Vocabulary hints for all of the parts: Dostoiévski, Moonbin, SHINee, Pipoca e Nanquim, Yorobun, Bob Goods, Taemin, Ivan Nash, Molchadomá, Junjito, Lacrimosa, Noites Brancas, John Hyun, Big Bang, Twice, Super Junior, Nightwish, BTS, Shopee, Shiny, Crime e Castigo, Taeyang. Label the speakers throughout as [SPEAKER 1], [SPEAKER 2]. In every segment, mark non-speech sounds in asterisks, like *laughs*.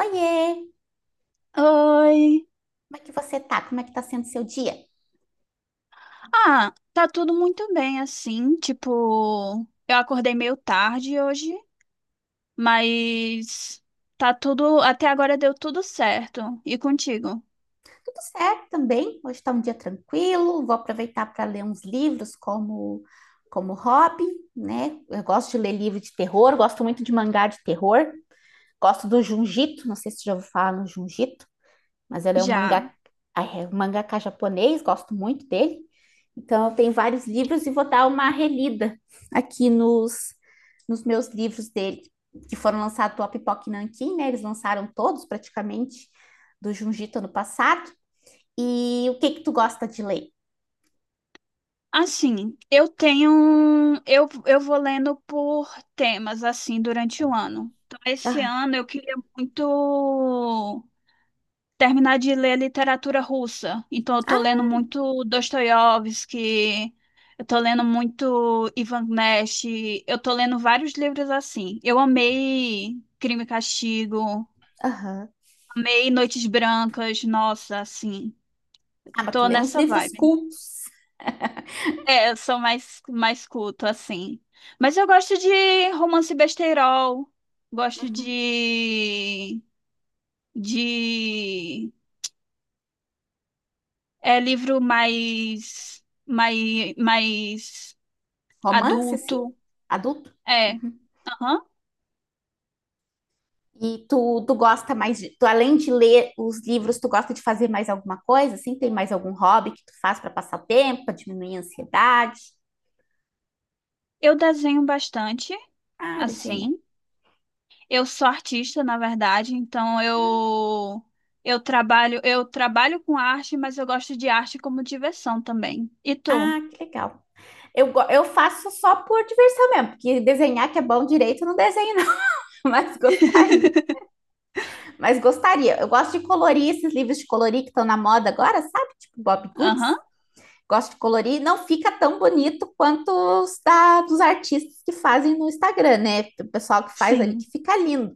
[SPEAKER 1] Oiê,
[SPEAKER 2] Oi.
[SPEAKER 1] como é que você tá? Como é que tá sendo seu dia?
[SPEAKER 2] Ah, tá tudo muito bem assim, tipo, eu acordei meio tarde hoje, mas tá tudo, até agora deu tudo certo. E contigo?
[SPEAKER 1] Tudo certo também. Hoje tá um dia tranquilo. Vou aproveitar para ler uns livros como hobby, né? Eu gosto de ler livro de terror, gosto muito de mangá de terror. Gosto do Junjito, não sei se você já ouviu falar no Junjito. Mas ela é um mangá,
[SPEAKER 2] Já.
[SPEAKER 1] é um mangaka japonês, gosto muito dele. Então, eu tenho vários livros e vou dar uma relida aqui nos, nos meus livros dele, que foram lançados pela Pipoca e Nanquim, né? Eles lançaram todos, praticamente, do Junjito ano passado. E o que que tu gosta de ler?
[SPEAKER 2] Assim, eu tenho, um, eu vou lendo por temas assim durante o ano. Então, esse
[SPEAKER 1] Aham.
[SPEAKER 2] ano eu queria muito terminar de ler literatura russa. Então, eu tô lendo
[SPEAKER 1] Ah,
[SPEAKER 2] muito Dostoiévski, eu tô lendo muito Ivan Nash, eu tô lendo vários livros assim. Eu amei Crime e Castigo,
[SPEAKER 1] aham.
[SPEAKER 2] amei Noites Brancas, nossa, assim,
[SPEAKER 1] Ah, mas tu
[SPEAKER 2] tô
[SPEAKER 1] lê uns
[SPEAKER 2] nessa
[SPEAKER 1] livros
[SPEAKER 2] vibe.
[SPEAKER 1] cultos.
[SPEAKER 2] É, eu sou mais culto, assim. Mas eu gosto de romance besteirol, gosto
[SPEAKER 1] Uhum.
[SPEAKER 2] de, de. É livro mais
[SPEAKER 1] Romance, assim?
[SPEAKER 2] adulto.
[SPEAKER 1] Adulto?
[SPEAKER 2] É.
[SPEAKER 1] Uhum.
[SPEAKER 2] Aham.
[SPEAKER 1] E tu, tu gosta mais de, tu, além de ler os livros, tu gosta de fazer mais alguma coisa? Assim, tem mais algum hobby que tu faz para passar o tempo, para diminuir a ansiedade?
[SPEAKER 2] Eu desenho bastante,
[SPEAKER 1] Ah, desenhar.
[SPEAKER 2] assim. Eu sou artista, na verdade, então eu trabalho, eu trabalho com arte, mas eu gosto de arte como diversão também. E tu?
[SPEAKER 1] Ah, que legal. Eu faço só por diversão mesmo, porque desenhar que é bom direito, eu não desenho não, *laughs* mas gostaria. Mas gostaria. Eu gosto de colorir esses livros de colorir que estão na moda agora, sabe? Tipo Bob Goods.
[SPEAKER 2] Aham.
[SPEAKER 1] Gosto de colorir. Não fica tão bonito quanto dos artistas que fazem no Instagram, né? O pessoal que faz ali
[SPEAKER 2] Sim.
[SPEAKER 1] que fica lindo.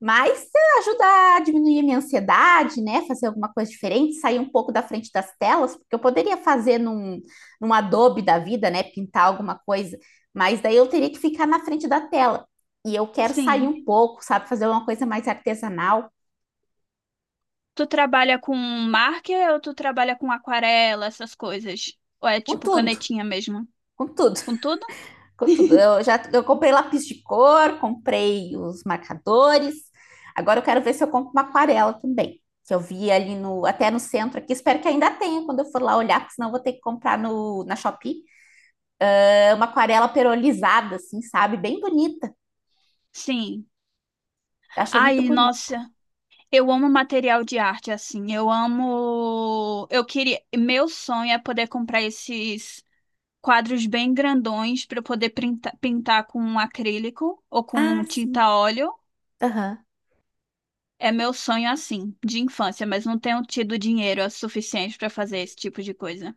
[SPEAKER 1] Mas ajuda a diminuir a minha ansiedade, né? Fazer alguma coisa diferente, sair um pouco da frente das telas, porque eu poderia num Adobe da vida, né? Pintar alguma coisa, mas daí eu teria que ficar na frente da tela. E eu quero sair
[SPEAKER 2] Sim.
[SPEAKER 1] um pouco, sabe? Fazer uma coisa mais artesanal,
[SPEAKER 2] Tu trabalha com marker ou tu trabalha com aquarela, essas coisas? Ou é
[SPEAKER 1] com
[SPEAKER 2] tipo
[SPEAKER 1] tudo,
[SPEAKER 2] canetinha mesmo?
[SPEAKER 1] com tudo.
[SPEAKER 2] Com tudo?
[SPEAKER 1] Tudo.
[SPEAKER 2] *laughs*
[SPEAKER 1] Eu já eu comprei lápis de cor, comprei os marcadores. Agora eu quero ver se eu compro uma aquarela também, que eu vi ali no até no centro aqui. Espero que ainda tenha quando eu for lá olhar, porque senão eu vou ter que comprar no, na Shopee. É uma aquarela perolizada, assim, sabe? Bem bonita.
[SPEAKER 2] Sim.
[SPEAKER 1] Eu achei muito
[SPEAKER 2] Ai,
[SPEAKER 1] bonita.
[SPEAKER 2] nossa. Eu amo material de arte, assim. Eu amo. Eu queria. Meu sonho é poder comprar esses quadros bem grandões para eu poder printa- pintar com um acrílico ou
[SPEAKER 1] Ah,
[SPEAKER 2] com tinta
[SPEAKER 1] sim.
[SPEAKER 2] óleo.
[SPEAKER 1] Aham.
[SPEAKER 2] É meu sonho, assim, de infância, mas não tenho tido dinheiro suficiente para fazer esse tipo de coisa.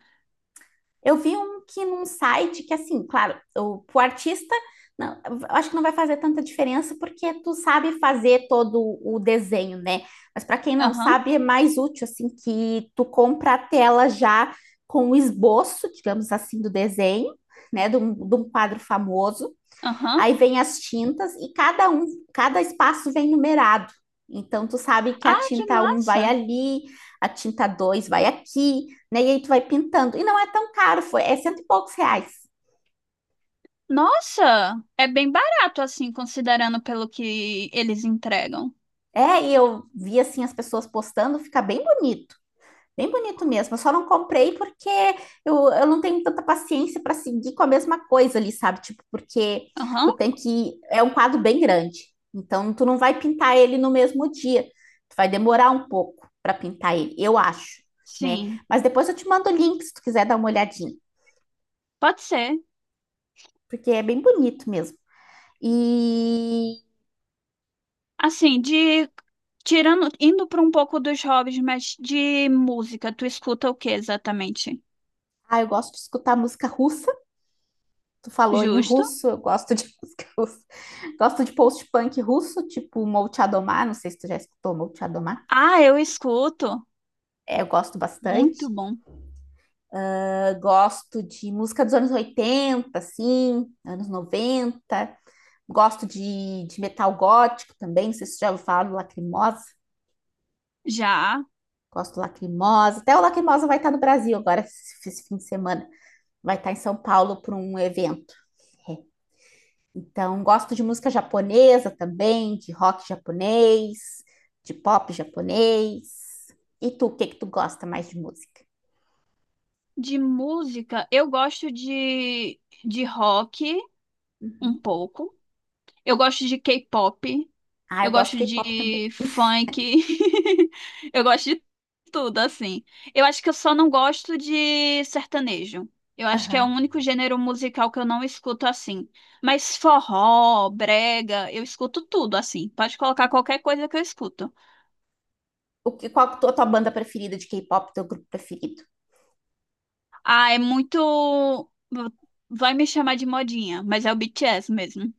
[SPEAKER 1] Eu vi um que num site que, assim, claro, o, pro artista, não, eu acho que não vai fazer tanta diferença porque tu sabe fazer todo o desenho, né? Mas para quem não
[SPEAKER 2] Aham,
[SPEAKER 1] sabe, é mais útil, assim, que tu compra a tela já com o esboço, digamos assim, do desenho, né? De um quadro famoso.
[SPEAKER 2] aham.
[SPEAKER 1] Aí vem as tintas e cada espaço vem numerado. Então tu sabe que a
[SPEAKER 2] Ah, que
[SPEAKER 1] tinta um vai
[SPEAKER 2] massa!
[SPEAKER 1] ali, a tinta 2 vai aqui, né? E aí tu vai pintando. E não é tão caro, foi, é cento e poucos reais.
[SPEAKER 2] Nossa! É bem barato, assim, considerando pelo que eles entregam.
[SPEAKER 1] É, e eu vi assim as pessoas postando, fica bem bonito. Bem bonito mesmo. Eu só não comprei porque eu não tenho tanta paciência para seguir com a mesma coisa ali, sabe? Tipo, porque tu
[SPEAKER 2] Aham,
[SPEAKER 1] tem que. É um quadro bem grande. Então, tu não vai pintar ele no mesmo dia. Tu vai demorar um pouco para pintar ele, eu acho, né?
[SPEAKER 2] sim.
[SPEAKER 1] Mas depois eu te mando o link se tu quiser dar uma olhadinha,
[SPEAKER 2] Pode ser.
[SPEAKER 1] porque é bem bonito mesmo. E.
[SPEAKER 2] Assim, de tirando, indo para um pouco dos hobbies, mas de música, tu escuta o que exatamente?
[SPEAKER 1] Ah, eu gosto de escutar música russa. Tu falou em
[SPEAKER 2] Justo?
[SPEAKER 1] russo, eu gosto de *laughs* música russa. Gosto de post-punk russo, tipo Molchadomá, não sei se tu já escutou Molchadomá.
[SPEAKER 2] Ah, eu escuto.
[SPEAKER 1] É, eu gosto
[SPEAKER 2] Muito
[SPEAKER 1] bastante.
[SPEAKER 2] bom.
[SPEAKER 1] Eu gosto de música dos anos 80, assim, anos 90. Gosto de metal gótico também, não sei se tu já ouviu falar do Lacrimosa.
[SPEAKER 2] Já
[SPEAKER 1] Gosto do Lacrimosa. Até o Lacrimosa vai estar no Brasil agora, esse fim de semana. Vai estar em São Paulo para um evento. Então, gosto de música japonesa também, de rock japonês, de pop japonês. E tu, o que que tu gosta mais de música?
[SPEAKER 2] de música, eu gosto de rock um pouco. Eu gosto de K-pop.
[SPEAKER 1] Ah,
[SPEAKER 2] Eu
[SPEAKER 1] eu gosto de
[SPEAKER 2] gosto
[SPEAKER 1] K-pop também.
[SPEAKER 2] de funk. *laughs* Eu gosto de tudo, assim. Eu acho que eu só não gosto de sertanejo. Eu acho que é o
[SPEAKER 1] Aham.
[SPEAKER 2] único gênero musical que eu não escuto assim. Mas forró, brega, eu escuto tudo assim. Pode colocar qualquer coisa que eu escuto.
[SPEAKER 1] O que, a tua banda preferida de K-pop, teu grupo preferido?
[SPEAKER 2] Ah, é muito. Vai me chamar de modinha, mas é o BTS mesmo.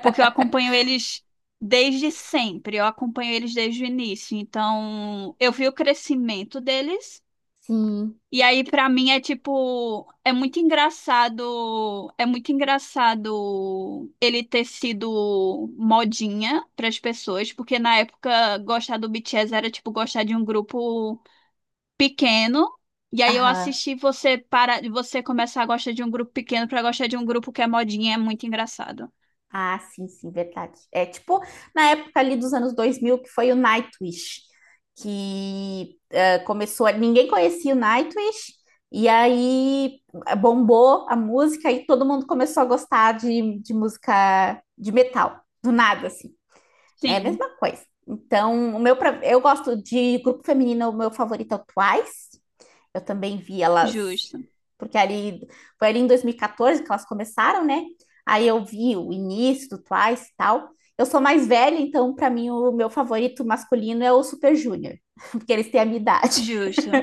[SPEAKER 2] Porque eu acompanho eles desde sempre. Eu acompanho eles desde o início. Então, eu vi o crescimento deles.
[SPEAKER 1] Sim.
[SPEAKER 2] E aí, pra mim, é tipo, é muito engraçado ele ter sido modinha pras pessoas, porque na época gostar do BTS era tipo gostar de um grupo pequeno. E aí eu
[SPEAKER 1] Aham.
[SPEAKER 2] assisti você para você começar a gostar de um grupo pequeno pra gostar de um grupo que é modinha, é muito engraçado.
[SPEAKER 1] Ah, sim, sim, verdade. É tipo na época ali dos anos 2000 que foi o Nightwish, que começou, ninguém conhecia o Nightwish, e aí bombou a música e todo mundo começou a gostar de música de metal, do nada, assim, né? A
[SPEAKER 2] Sim,
[SPEAKER 1] mesma coisa. Então, eu gosto de grupo feminino, o meu favorito é o Twice, eu também vi elas,
[SPEAKER 2] justo,
[SPEAKER 1] porque ali foi ali em 2014 que elas começaram, né? Aí eu vi o início do Twice e tal. Eu sou mais velha, então para mim o meu favorito masculino é o Super Junior, *laughs* porque eles têm a minha idade.
[SPEAKER 2] justo.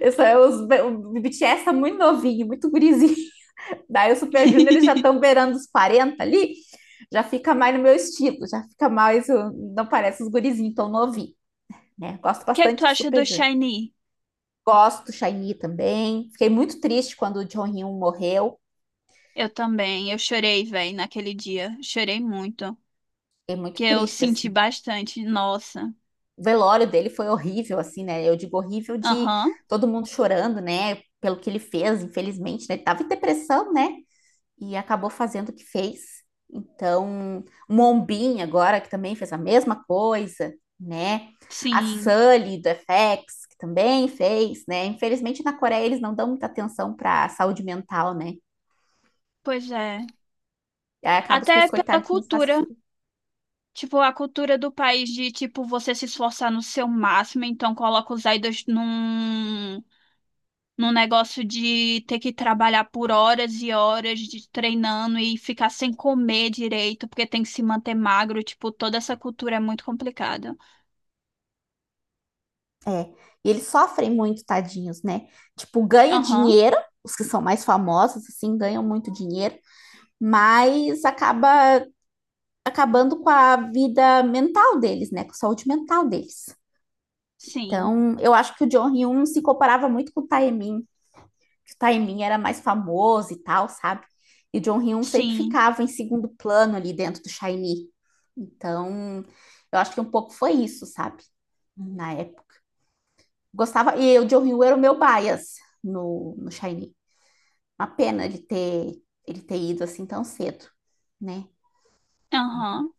[SPEAKER 1] Eu sou, eu, os, o BTS tá muito novinho, muito gurizinho. *laughs* Daí o Super Junior eles já estão
[SPEAKER 2] *laughs*
[SPEAKER 1] beirando os 40 ali, já fica mais no meu estilo, já fica mais, não parece os gurizinhos tão novinhos, né? Gosto
[SPEAKER 2] O que é que tu
[SPEAKER 1] bastante do
[SPEAKER 2] acha
[SPEAKER 1] Super
[SPEAKER 2] do
[SPEAKER 1] Junior.
[SPEAKER 2] Shiny?
[SPEAKER 1] Gosto do Shiny também. Fiquei muito triste quando o John Hyun morreu.
[SPEAKER 2] Eu também, eu chorei, velho, naquele dia, chorei muito.
[SPEAKER 1] Fiquei muito
[SPEAKER 2] Que eu
[SPEAKER 1] triste,
[SPEAKER 2] senti
[SPEAKER 1] assim.
[SPEAKER 2] bastante. Nossa.
[SPEAKER 1] O velório dele foi horrível, assim, né? Eu digo horrível de
[SPEAKER 2] Aham.
[SPEAKER 1] todo mundo chorando, né? Pelo que ele fez, infelizmente, né? Ele tava em depressão, né? E acabou fazendo o que fez. Então, Mombin agora, que também fez a mesma coisa, né? A
[SPEAKER 2] Sim.
[SPEAKER 1] Sully do FX, que também fez, né? Infelizmente, na Coreia eles não dão muita atenção para saúde mental, né?
[SPEAKER 2] Pois é.
[SPEAKER 1] E aí acaba que os
[SPEAKER 2] Até pela
[SPEAKER 1] coitadinhos fazem.
[SPEAKER 2] cultura. Tipo, a cultura do país de, tipo, você se esforçar no seu máximo, então coloca os idols num, num negócio de ter que trabalhar por horas e horas de treinando e ficar sem comer direito, porque tem que se manter magro. Tipo, toda essa cultura é muito complicada.
[SPEAKER 1] É. E eles sofrem muito, tadinhos, né? Tipo, ganha
[SPEAKER 2] Aham.
[SPEAKER 1] dinheiro, os que são mais famosos, assim, ganham muito dinheiro, mas acabando com a vida mental deles, né? Com a saúde mental deles.
[SPEAKER 2] Sim.
[SPEAKER 1] Então, eu acho que o John Hyun se comparava muito com o Taemin, que o Taemin era mais famoso e tal, sabe? E o John Hyun sempre
[SPEAKER 2] Sim.
[SPEAKER 1] ficava em segundo plano ali dentro do SHINee. Então, eu acho que um pouco foi isso, sabe? Na época. Gostava, e o John Hill era o meu bias no Shiny. Uma pena de ter ele ter ido assim tão cedo, né? Eu
[SPEAKER 2] Aham.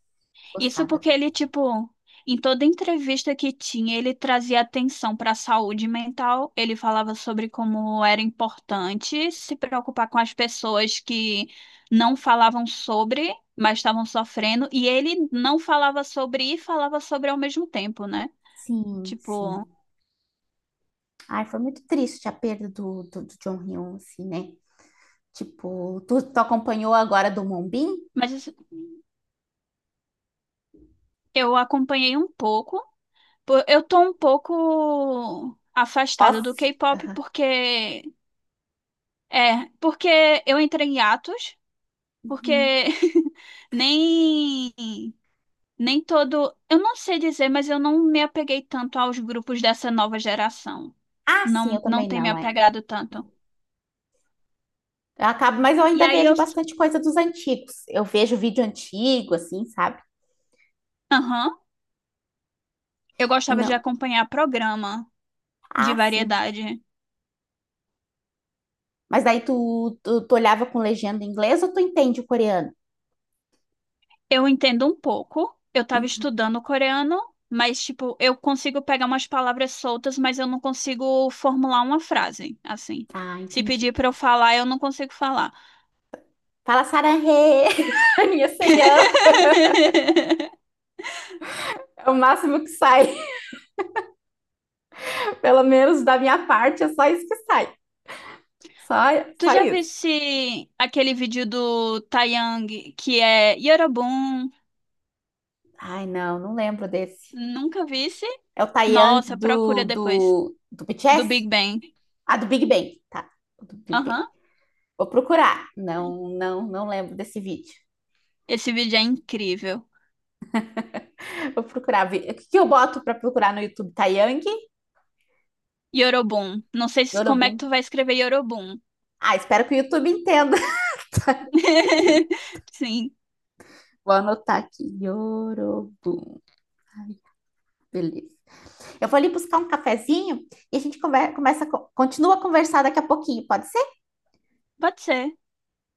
[SPEAKER 2] Isso
[SPEAKER 1] gostava.
[SPEAKER 2] porque
[SPEAKER 1] Dele.
[SPEAKER 2] ele, tipo, em toda entrevista que tinha, ele trazia atenção para a saúde mental. Ele falava sobre como era importante se preocupar com as pessoas que não falavam sobre, mas estavam sofrendo. E ele não falava sobre e falava sobre ao mesmo tempo, né?
[SPEAKER 1] Sim, sim.
[SPEAKER 2] Tipo,
[SPEAKER 1] Ai, foi muito triste a perda do John Hill, assim, né? Tipo, tu acompanhou agora do Moonbin?
[SPEAKER 2] mas isso- eu acompanhei um pouco. Pô, eu tô um pouco afastada do
[SPEAKER 1] Off.
[SPEAKER 2] K-pop porque é, porque eu entrei em atos. Porque
[SPEAKER 1] Uhum.
[SPEAKER 2] *laughs* nem nem todo, eu não sei dizer, mas eu não me apeguei tanto aos grupos dessa nova geração.
[SPEAKER 1] Ah, sim, eu
[SPEAKER 2] Não
[SPEAKER 1] também
[SPEAKER 2] tem me
[SPEAKER 1] não, é.
[SPEAKER 2] apegado tanto.
[SPEAKER 1] Eu acabo, mas eu
[SPEAKER 2] E
[SPEAKER 1] ainda
[SPEAKER 2] aí
[SPEAKER 1] vejo
[SPEAKER 2] eu,
[SPEAKER 1] bastante coisa dos antigos. Eu vejo vídeo antigo, assim, sabe?
[SPEAKER 2] aham, eu
[SPEAKER 1] E
[SPEAKER 2] gostava de
[SPEAKER 1] não.
[SPEAKER 2] acompanhar programa de
[SPEAKER 1] Ah, sim.
[SPEAKER 2] variedade.
[SPEAKER 1] Mas daí tu olhava com legenda em inglês ou tu entende o coreano?
[SPEAKER 2] Eu entendo um pouco. Eu estava
[SPEAKER 1] Uhum.
[SPEAKER 2] estudando coreano, mas tipo, eu consigo pegar umas palavras soltas, mas eu não consigo formular uma frase, assim.
[SPEAKER 1] Ah,
[SPEAKER 2] Se
[SPEAKER 1] entendi.
[SPEAKER 2] pedir para eu falar, eu não consigo falar.
[SPEAKER 1] Fala sarahê, *laughs* minha senhã.
[SPEAKER 2] *laughs*
[SPEAKER 1] É o máximo que sai, pelo menos da minha parte, é só isso que sai. Só,
[SPEAKER 2] Tu
[SPEAKER 1] só
[SPEAKER 2] já
[SPEAKER 1] isso.
[SPEAKER 2] visse aquele vídeo do Taeyang que é Yorobun?
[SPEAKER 1] Ai, não, não lembro desse.
[SPEAKER 2] Nunca visse?
[SPEAKER 1] É o Taeyang
[SPEAKER 2] Nossa, procura depois.
[SPEAKER 1] do
[SPEAKER 2] Do
[SPEAKER 1] BTS?
[SPEAKER 2] Big Bang.
[SPEAKER 1] Ah, do Big Bang. Tá, do Big Bang.
[SPEAKER 2] Aham.
[SPEAKER 1] Vou procurar. Não, não, não lembro desse vídeo.
[SPEAKER 2] Esse vídeo é incrível.
[SPEAKER 1] Vou procurar. O que que eu boto pra procurar no YouTube? Taeyang?
[SPEAKER 2] Yorobun. Não sei se- como é que
[SPEAKER 1] Yorobum.
[SPEAKER 2] tu vai escrever Yorobun.
[SPEAKER 1] Ah, espero que o YouTube entenda. *laughs*
[SPEAKER 2] *laughs* Sim,
[SPEAKER 1] Vou anotar aqui. Yorobum. Ai, beleza. Eu vou ali buscar um cafezinho e a gente começa, continua a conversar daqui a pouquinho, pode ser?
[SPEAKER 2] pode ser.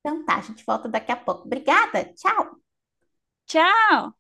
[SPEAKER 1] Então tá, a gente volta daqui a pouco. Obrigada, tchau!
[SPEAKER 2] Tchau!